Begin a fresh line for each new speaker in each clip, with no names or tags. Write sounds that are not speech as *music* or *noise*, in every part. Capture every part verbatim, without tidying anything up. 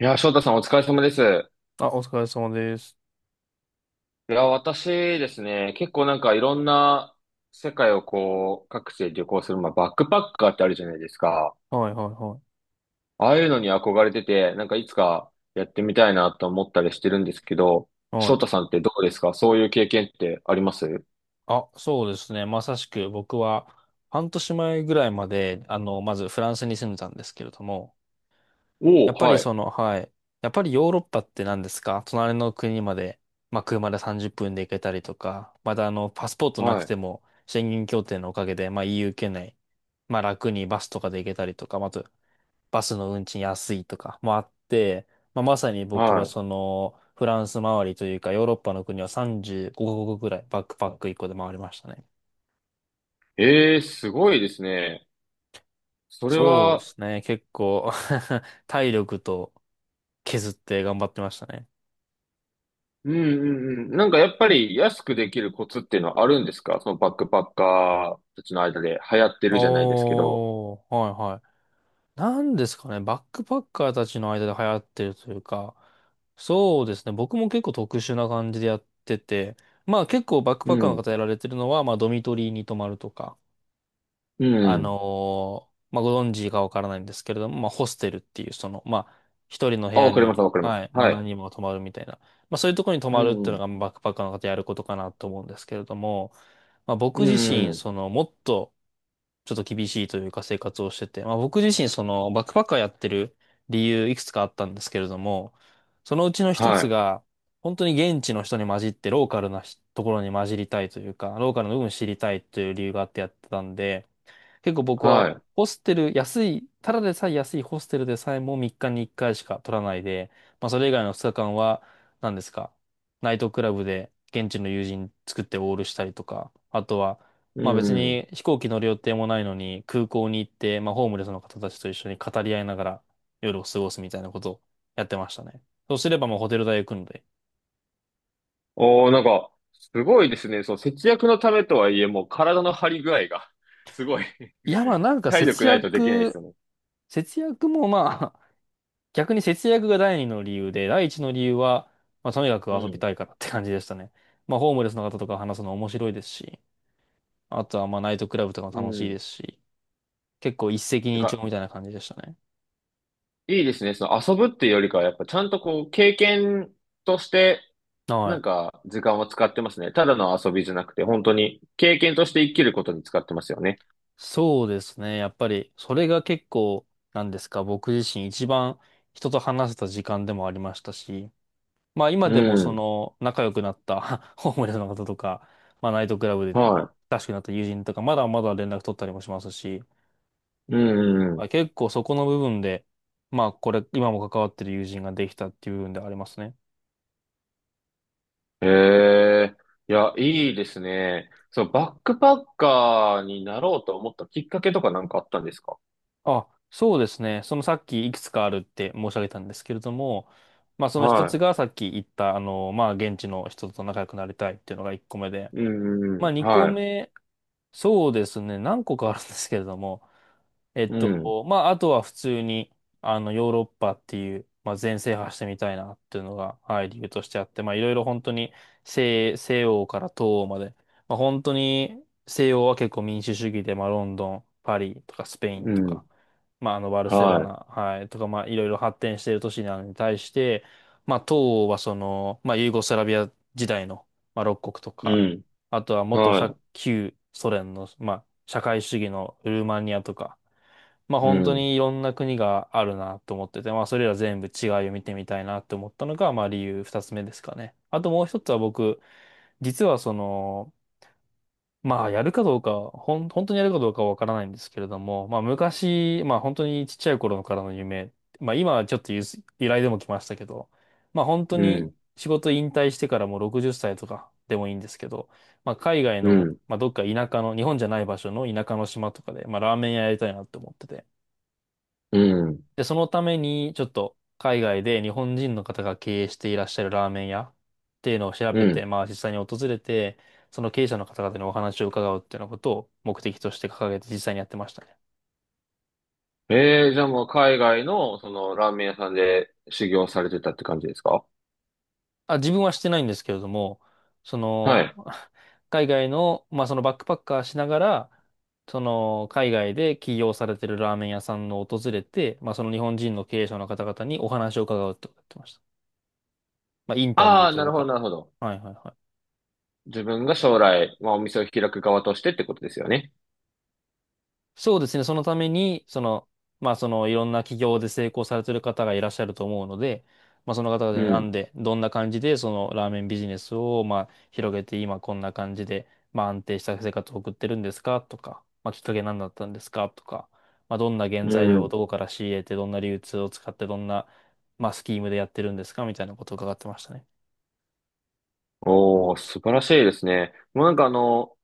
いやー、翔太さんお疲れ様です。い
あ、お疲れ様です。
やー、私ですね、結構なんかいろんな世界をこう、各地で旅行する、まあ、バックパッカーってあるじゃないですか。
はいはいは
ああいうのに憧れてて、なんかいつかやってみたいなと思ったりしてるんですけど、
い。は
翔太
い。
さんってどうですか、そういう経験ってあります？
あ、そうですね。まさしく僕は半年前ぐらいまで、あの、まずフランスに住んでたんですけれども、や
お
っ
おー、
ぱり
はい、
その、はい。やっぱりヨーロッパって、何ですか、隣の国まで、まあ、車でさんじゅっぷんで行けたりとか、またあの、パスポートなく
はい、
ても、宣言協定のおかげで、まあ、イーユー 圏内、まあ、楽にバスとかで行けたりとか、まああと、バスの運賃安いとかもあって、まあ、まさに僕は
は
その、フランス周りというか、ヨーロッパの国はさんじゅうごカ国ぐらいバックパックいっこで回りましたね。
い。ええー、すごいですね。それ
そうで
は、
すね。結構 *laughs* 体力と削って頑張ってましたね。
うんうんうん。なんかやっぱり安くできるコツっていうのはあるんですか、そのバックパッカーたちの間で流行ってるじゃないですけど。
おー、はいはい。なんですかね、バックパッカーたちの間で流行ってるというか、そうですね、僕も結構特殊な感じでやってて、まあ結構バック
う
パッカーの
ん。
方やられてるのは、まあドミトリーに泊まるとか、
う
あ
ん。
のーまあ、ご存知かわからないんですけれども、まあ、ホステルっていう、その、まあ、一人の部
あ、
屋
わかります、
に、
わかります。
はい、まあ、
は
何
い。
人も泊まるみたいな、まあ、そういうところに泊
う
まるっていう
ん。
のが、バックパッカーの方やることかなと思うんですけれども、まあ、僕
う
自
ん。う
身、
ん、
その、もっと、ちょっと厳しいというか生活をしてて、まあ、僕自身、その、バックパッカーやってる理由、いくつかあったんですけれども、そのうちの一
は
つ
い。
が、本当に現地の人に混じって、ローカルなひところに混じりたいというか、ローカルの部分を知りたいという理由があってやってたんで、結構僕は
は
ホステル、安い、ただでさえ安いホステルでさえもみっかにいっかいしか取らないで、まあそれ以外のふつかかんは、何ですか、ナイトクラブで現地の友人作ってオールしたりとか、あとは、
い。う
まあ別
ん。
に飛行機乗る予定もないのに空港に行って、まあホームレスの方たちと一緒に語り合いながら夜を過ごすみたいなことをやってましたね。そうすればもうホテル代浮くので。
おー、なんか、すごいですね。そう、節約のためとはいえ、もう体の張り具合が、*laughs* すごい。
いやまあなん
*laughs*
か
体力
節
ないとできないです
約、
よね。
節約もまあ逆に節約が第二の理由で、第一の理由は、まあ、とにかく
う
遊び
ん。
たいからって感じでしたね。まあ、ホームレスの方とか話すの面白いですし、あとは、まあ、ナイトクラブとか
う
も楽しいで
ん。
すし、結構一石
なん
二
か、
鳥みたいな感じでしたね。
いいですね。その遊ぶっていうよりかは、やっぱちゃんとこう、経験として、
は
なん
い。
か、時間を使ってますね。ただの遊びじゃなくて、本当に、経験として生きることに使ってますよね。
そうですね。やっぱり、それが結構、なんですか、僕自身一番人と話せた時間でもありましたし、まあ、今
う
でもそ
ん。
の、仲良くなった *laughs* ホームレスの方とか、まあ、ナイトクラブで、
は
親しくなった友人とか、まだまだ連絡取ったりもしますし、
い。う
はい、
ん。
結構そこの部分で、まあこれ、今も関わってる友人ができたっていう部分ではありますね。
ええ、いや、いいですね。そのバックパッカーになろうと思ったきっかけとかなんかあったんですか？
あ、そうですね。そのさっきいくつかあるって申し上げたんですけれども、まあその一つ
は
がさっき言った、あの、まあ現地の人と仲良くなりたいっていうのが一個目で、
い。うん、う
まあ
ん、
二個
は
目、そうですね。何個かあるんですけれども、えっ
い。うん、
と、まあ、あとは普通に、あの、ヨーロッパっていう、まあ、全制覇してみたいなっていうのが、はい、理由としてあって、まあ、いろいろ本当に西、西欧から東欧まで、まあ、本当に西欧は結構民主主義で、まあ、ロンドン、パリとかスペイン
う
と
ん、
か、まあ、あの、バルセロ
は
ナ、はい、とか、まあ、いろいろ発展している都市なのに対して、まあ、東欧はその、まあ、ユーゴスラビア時代の、まあ、ろっかこく国と
い。う
か、
ん、
あとは元社
は
旧ソ連の、まあ、社会主義のルーマニアとか、まあ
い。う
本当
ん、
にいろんな国があるなと思ってて、まあそれら全部違いを見てみたいなと思ったのが、まあ理由二つ目ですかね。あともう一つは僕、実はその、まあやるかどうか、ほん、本当にやるかどうかはわからないんですけれども、まあ昔、まあ本当にちっちゃい頃からの夢、まあ今はちょっとゆす依頼でも来ましたけど、まあ本当
う
に
ん、
仕事引退してからもうろくじゅっさいとかでもいいんですけど、まあ海外
う
の、
ん、
まあどっか田舎の、日本じゃない場所の田舎の島とかで、まあラーメン屋やりたいなって思ってて、
うん、
で、そのために、ちょっと海外で日本人の方が経営していらっしゃるラーメン屋っていうのを調
う
べて、
ん。
まあ実際に訪れて、その経営者の方々にお話を伺うっていうようなことを目的として掲げて実際にやってましたね。
ええ、じゃあもう海外のそのラーメン屋さんで修行されてたって感じですか？
あ、自分はしてないんですけれども、そ
は
の、
い。
*laughs* 海外の、まあそのバックパッカーしながら、その海外で起業されてるラーメン屋さんを訪れて、まあその日本人の経営者の方々にお話を伺うってことをやってました。まあインタビュ
あ
ー
あ、
と
な
い
る
う
ほど、
か。
なるほど。
はいはいはい。
自分が将来、まあお店を開く側としてってことですよね。
そうですね。そのために、その、まあ、その、いろんな企業で成功されてる方がいらっしゃると思うので、まあ、その方々
う
になん
ん、
で、どんな感じで、その、ラーメンビジネスを、まあ、広げて、今こんな感じで、まあ、安定した生活を送ってるんですかとか、まあ、きっかけ何だったんですかとか、まあ、どんな原
う
材料を
ん、
どこから仕入れて、どんな流通を使って、どんな、まあ、スキームでやってるんですかみたいなことを伺ってましたね。
おー、素晴らしいですね。もうなんかあの、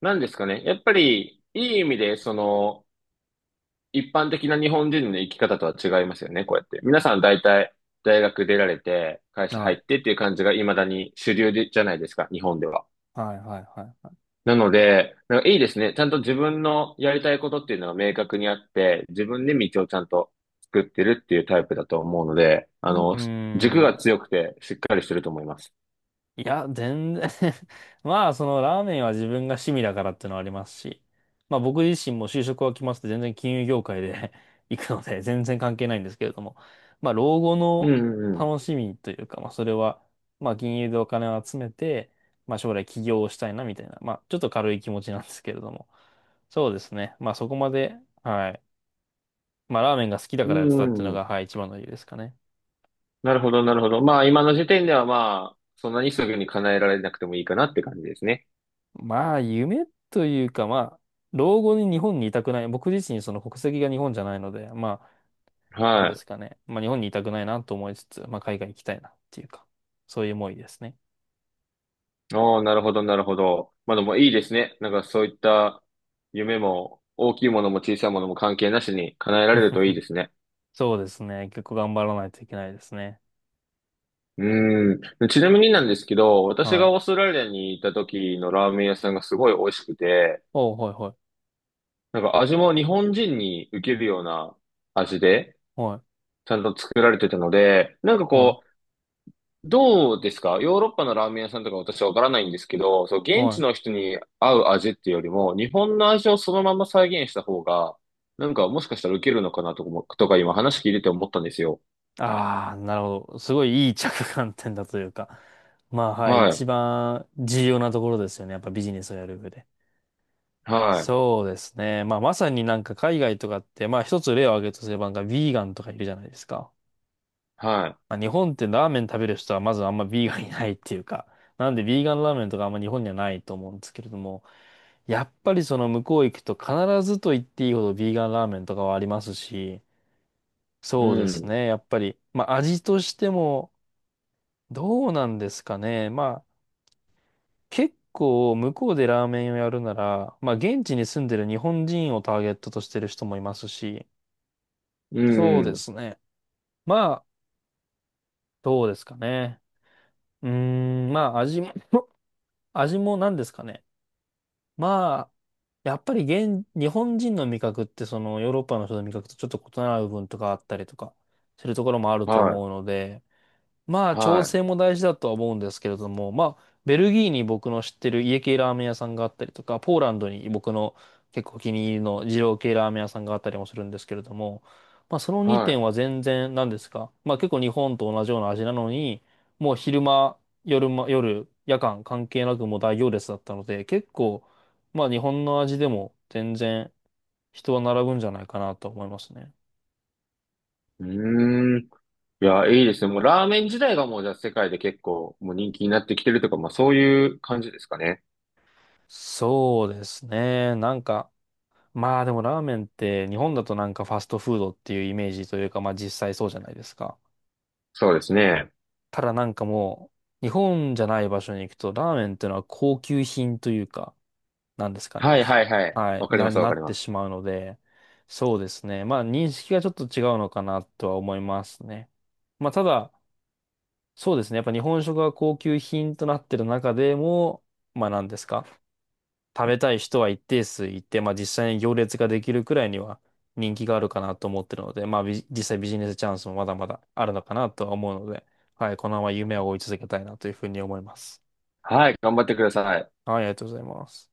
なんですかね。やっぱり、いい意味で、その、一般的な日本人の生き方とは違いますよね、こうやって。皆さん大体、大学出られて、会社入っ
は
てっていう感じが未だに主流で、じゃないですか、日本では。
い。はい、はい、はい。
なので、なんかいいですね。ちゃんと自分のやりたいことっていうのが明確にあって、自分で道をちゃんと作ってるっていうタイプだと思うので、
う
あ
う
の、軸
ー
が
ん。
強くてしっかりしてると思います。
いや、全然 *laughs* まあ、そのラーメンは自分が趣味だからってのはありますし、まあ僕自身も就職は決まって全然金融業界で *laughs* 行くので全然関係ないんですけれども、まあ老後
うん
の
うんうん。
楽しみというか、まあそれは、まあ金融でお金を集めて、まあ将来起業をしたいなみたいな、まあちょっと軽い気持ちなんですけれども、そうですね。まあそこまで、はい。まあラーメンが好きだ
う
からや
ん
っ
う
てたっていう
ん
の
うん、
が、はい、一番の理由ですかね。
なるほど、なるほど。まあ、今の時点ではまあ、そんなにすぐに叶えられなくてもいいかなって感じですね。
まあ、夢というか、まあ、老後に日本にいたくない。僕自身、その国籍が日本じゃないので、まあ、なん
は
で
い。
すかね。まあ、日本にいたくないなと思いつつ、まあ、海外行きたいなっていうか、そういう思いですね。
ああ、なるほど、なるほど。まあでもいいですね。なんかそういった夢も、大きいものも小さいものも関係なしに叶えられるといい
*laughs*
ですね。
そうですね。結構頑張らないといけないですね。
うん。ちなみになんですけど、私
は
が
い。
オーストラリアに行った時のラーメン屋さんがすごい美味しくて、
おう、はい、は
なんか味も日本人に受けるような味で、
い、はい、
ちゃんと作られてたので、なんか
は
こう、どうですか、ヨーロッパのラーメン屋さんとか私はわからないんですけど、そう、
い、
現
は
地
い。
の人に合う味っていうよりも、日本の味をそのまま再現した方が、なんかもしかしたら受けるのかなとかも、とか今話聞いてて思ったんですよ。
ああ、なるほど。すごいいい着眼点だというか。まあ、はい。
は
一
い。
番重要なところですよね。やっぱビジネスをやる上で。
はい。
そうですね。まあ、まさになんか海外とかって、まあ一つ例を挙げるとすれば、なんかビーガンとかいるじゃないですか。
は
まあ、日本ってラーメン食べる人はまずあんまビーガンいないっていうか、なんでビーガンラーメンとかあんま日本にはないと思うんですけれども、やっぱりその向こう行くと必ずと言っていいほどビーガンラーメンとかはありますし、
い。う
そうです
ん。
ね。やっぱり、まあ味としてもどうなんですかね。まあ結構向こうでラーメンをやるなら、まあ現地に住んでる日本人をターゲットとしてる人もいますし、
う
そうで
ん。
すね。まあ、どうですかね。うーん、まあ、味も *laughs* 味も何ですかね。まあ、やっぱり現、日本人の味覚って、そのヨーロッパの人の味覚とちょっと異なる部分とかあったりとかするところもあると
は
思うので、まあ、
い。
調
は
整も大事だとは思うんですけれども、まあ、ベルギーに僕の知ってる家系ラーメン屋さんがあったりとか、ポーランドに僕の結構お気に入りの二郎系ラーメン屋さんがあったりもするんですけれども、まあ、その
い。
にてん
は
は全然何ですか。まあ、結構日本と同じような味なのに、もう昼間、夜間、夜、夜間関係なくもう大行列だったので、結構、まあ、日本の味でも全然人は並ぶんじゃないかなと思いますね。
い。うーん。いや、いいですね。もうラーメン自体がもうじゃあ世界で結構もう人気になってきてるとか、まあそういう感じですかね。
そうですね。なんか、まあでもラーメンって日本だとなんかファストフードっていうイメージというかまあ実際そうじゃないですか。
そうですね。
ただなんかもう日本じゃない場所に行くとラーメンっていうのは高級品というかなんですかね。
はい
ふ
はいはい。
はい、
わかり
な、
ます、わ
な
かり
っ
ま
てし
す。
まうので、そうですね。まあ認識がちょっと違うのかなとは思いますね。まあただ、そうですね。やっぱ日本食が高級品となってる中でも、まあ何ですか。食べたい人は一定数いて、まあ実際に行列ができるくらいには人気があるかなと思ってるので、まあビ実際ビジネスチャンスもまだまだあるのかなとは思うので、はい、このまま夢を追い続けたいなというふうに思います。
はい。頑張ってください。
はい、ありがとうございます。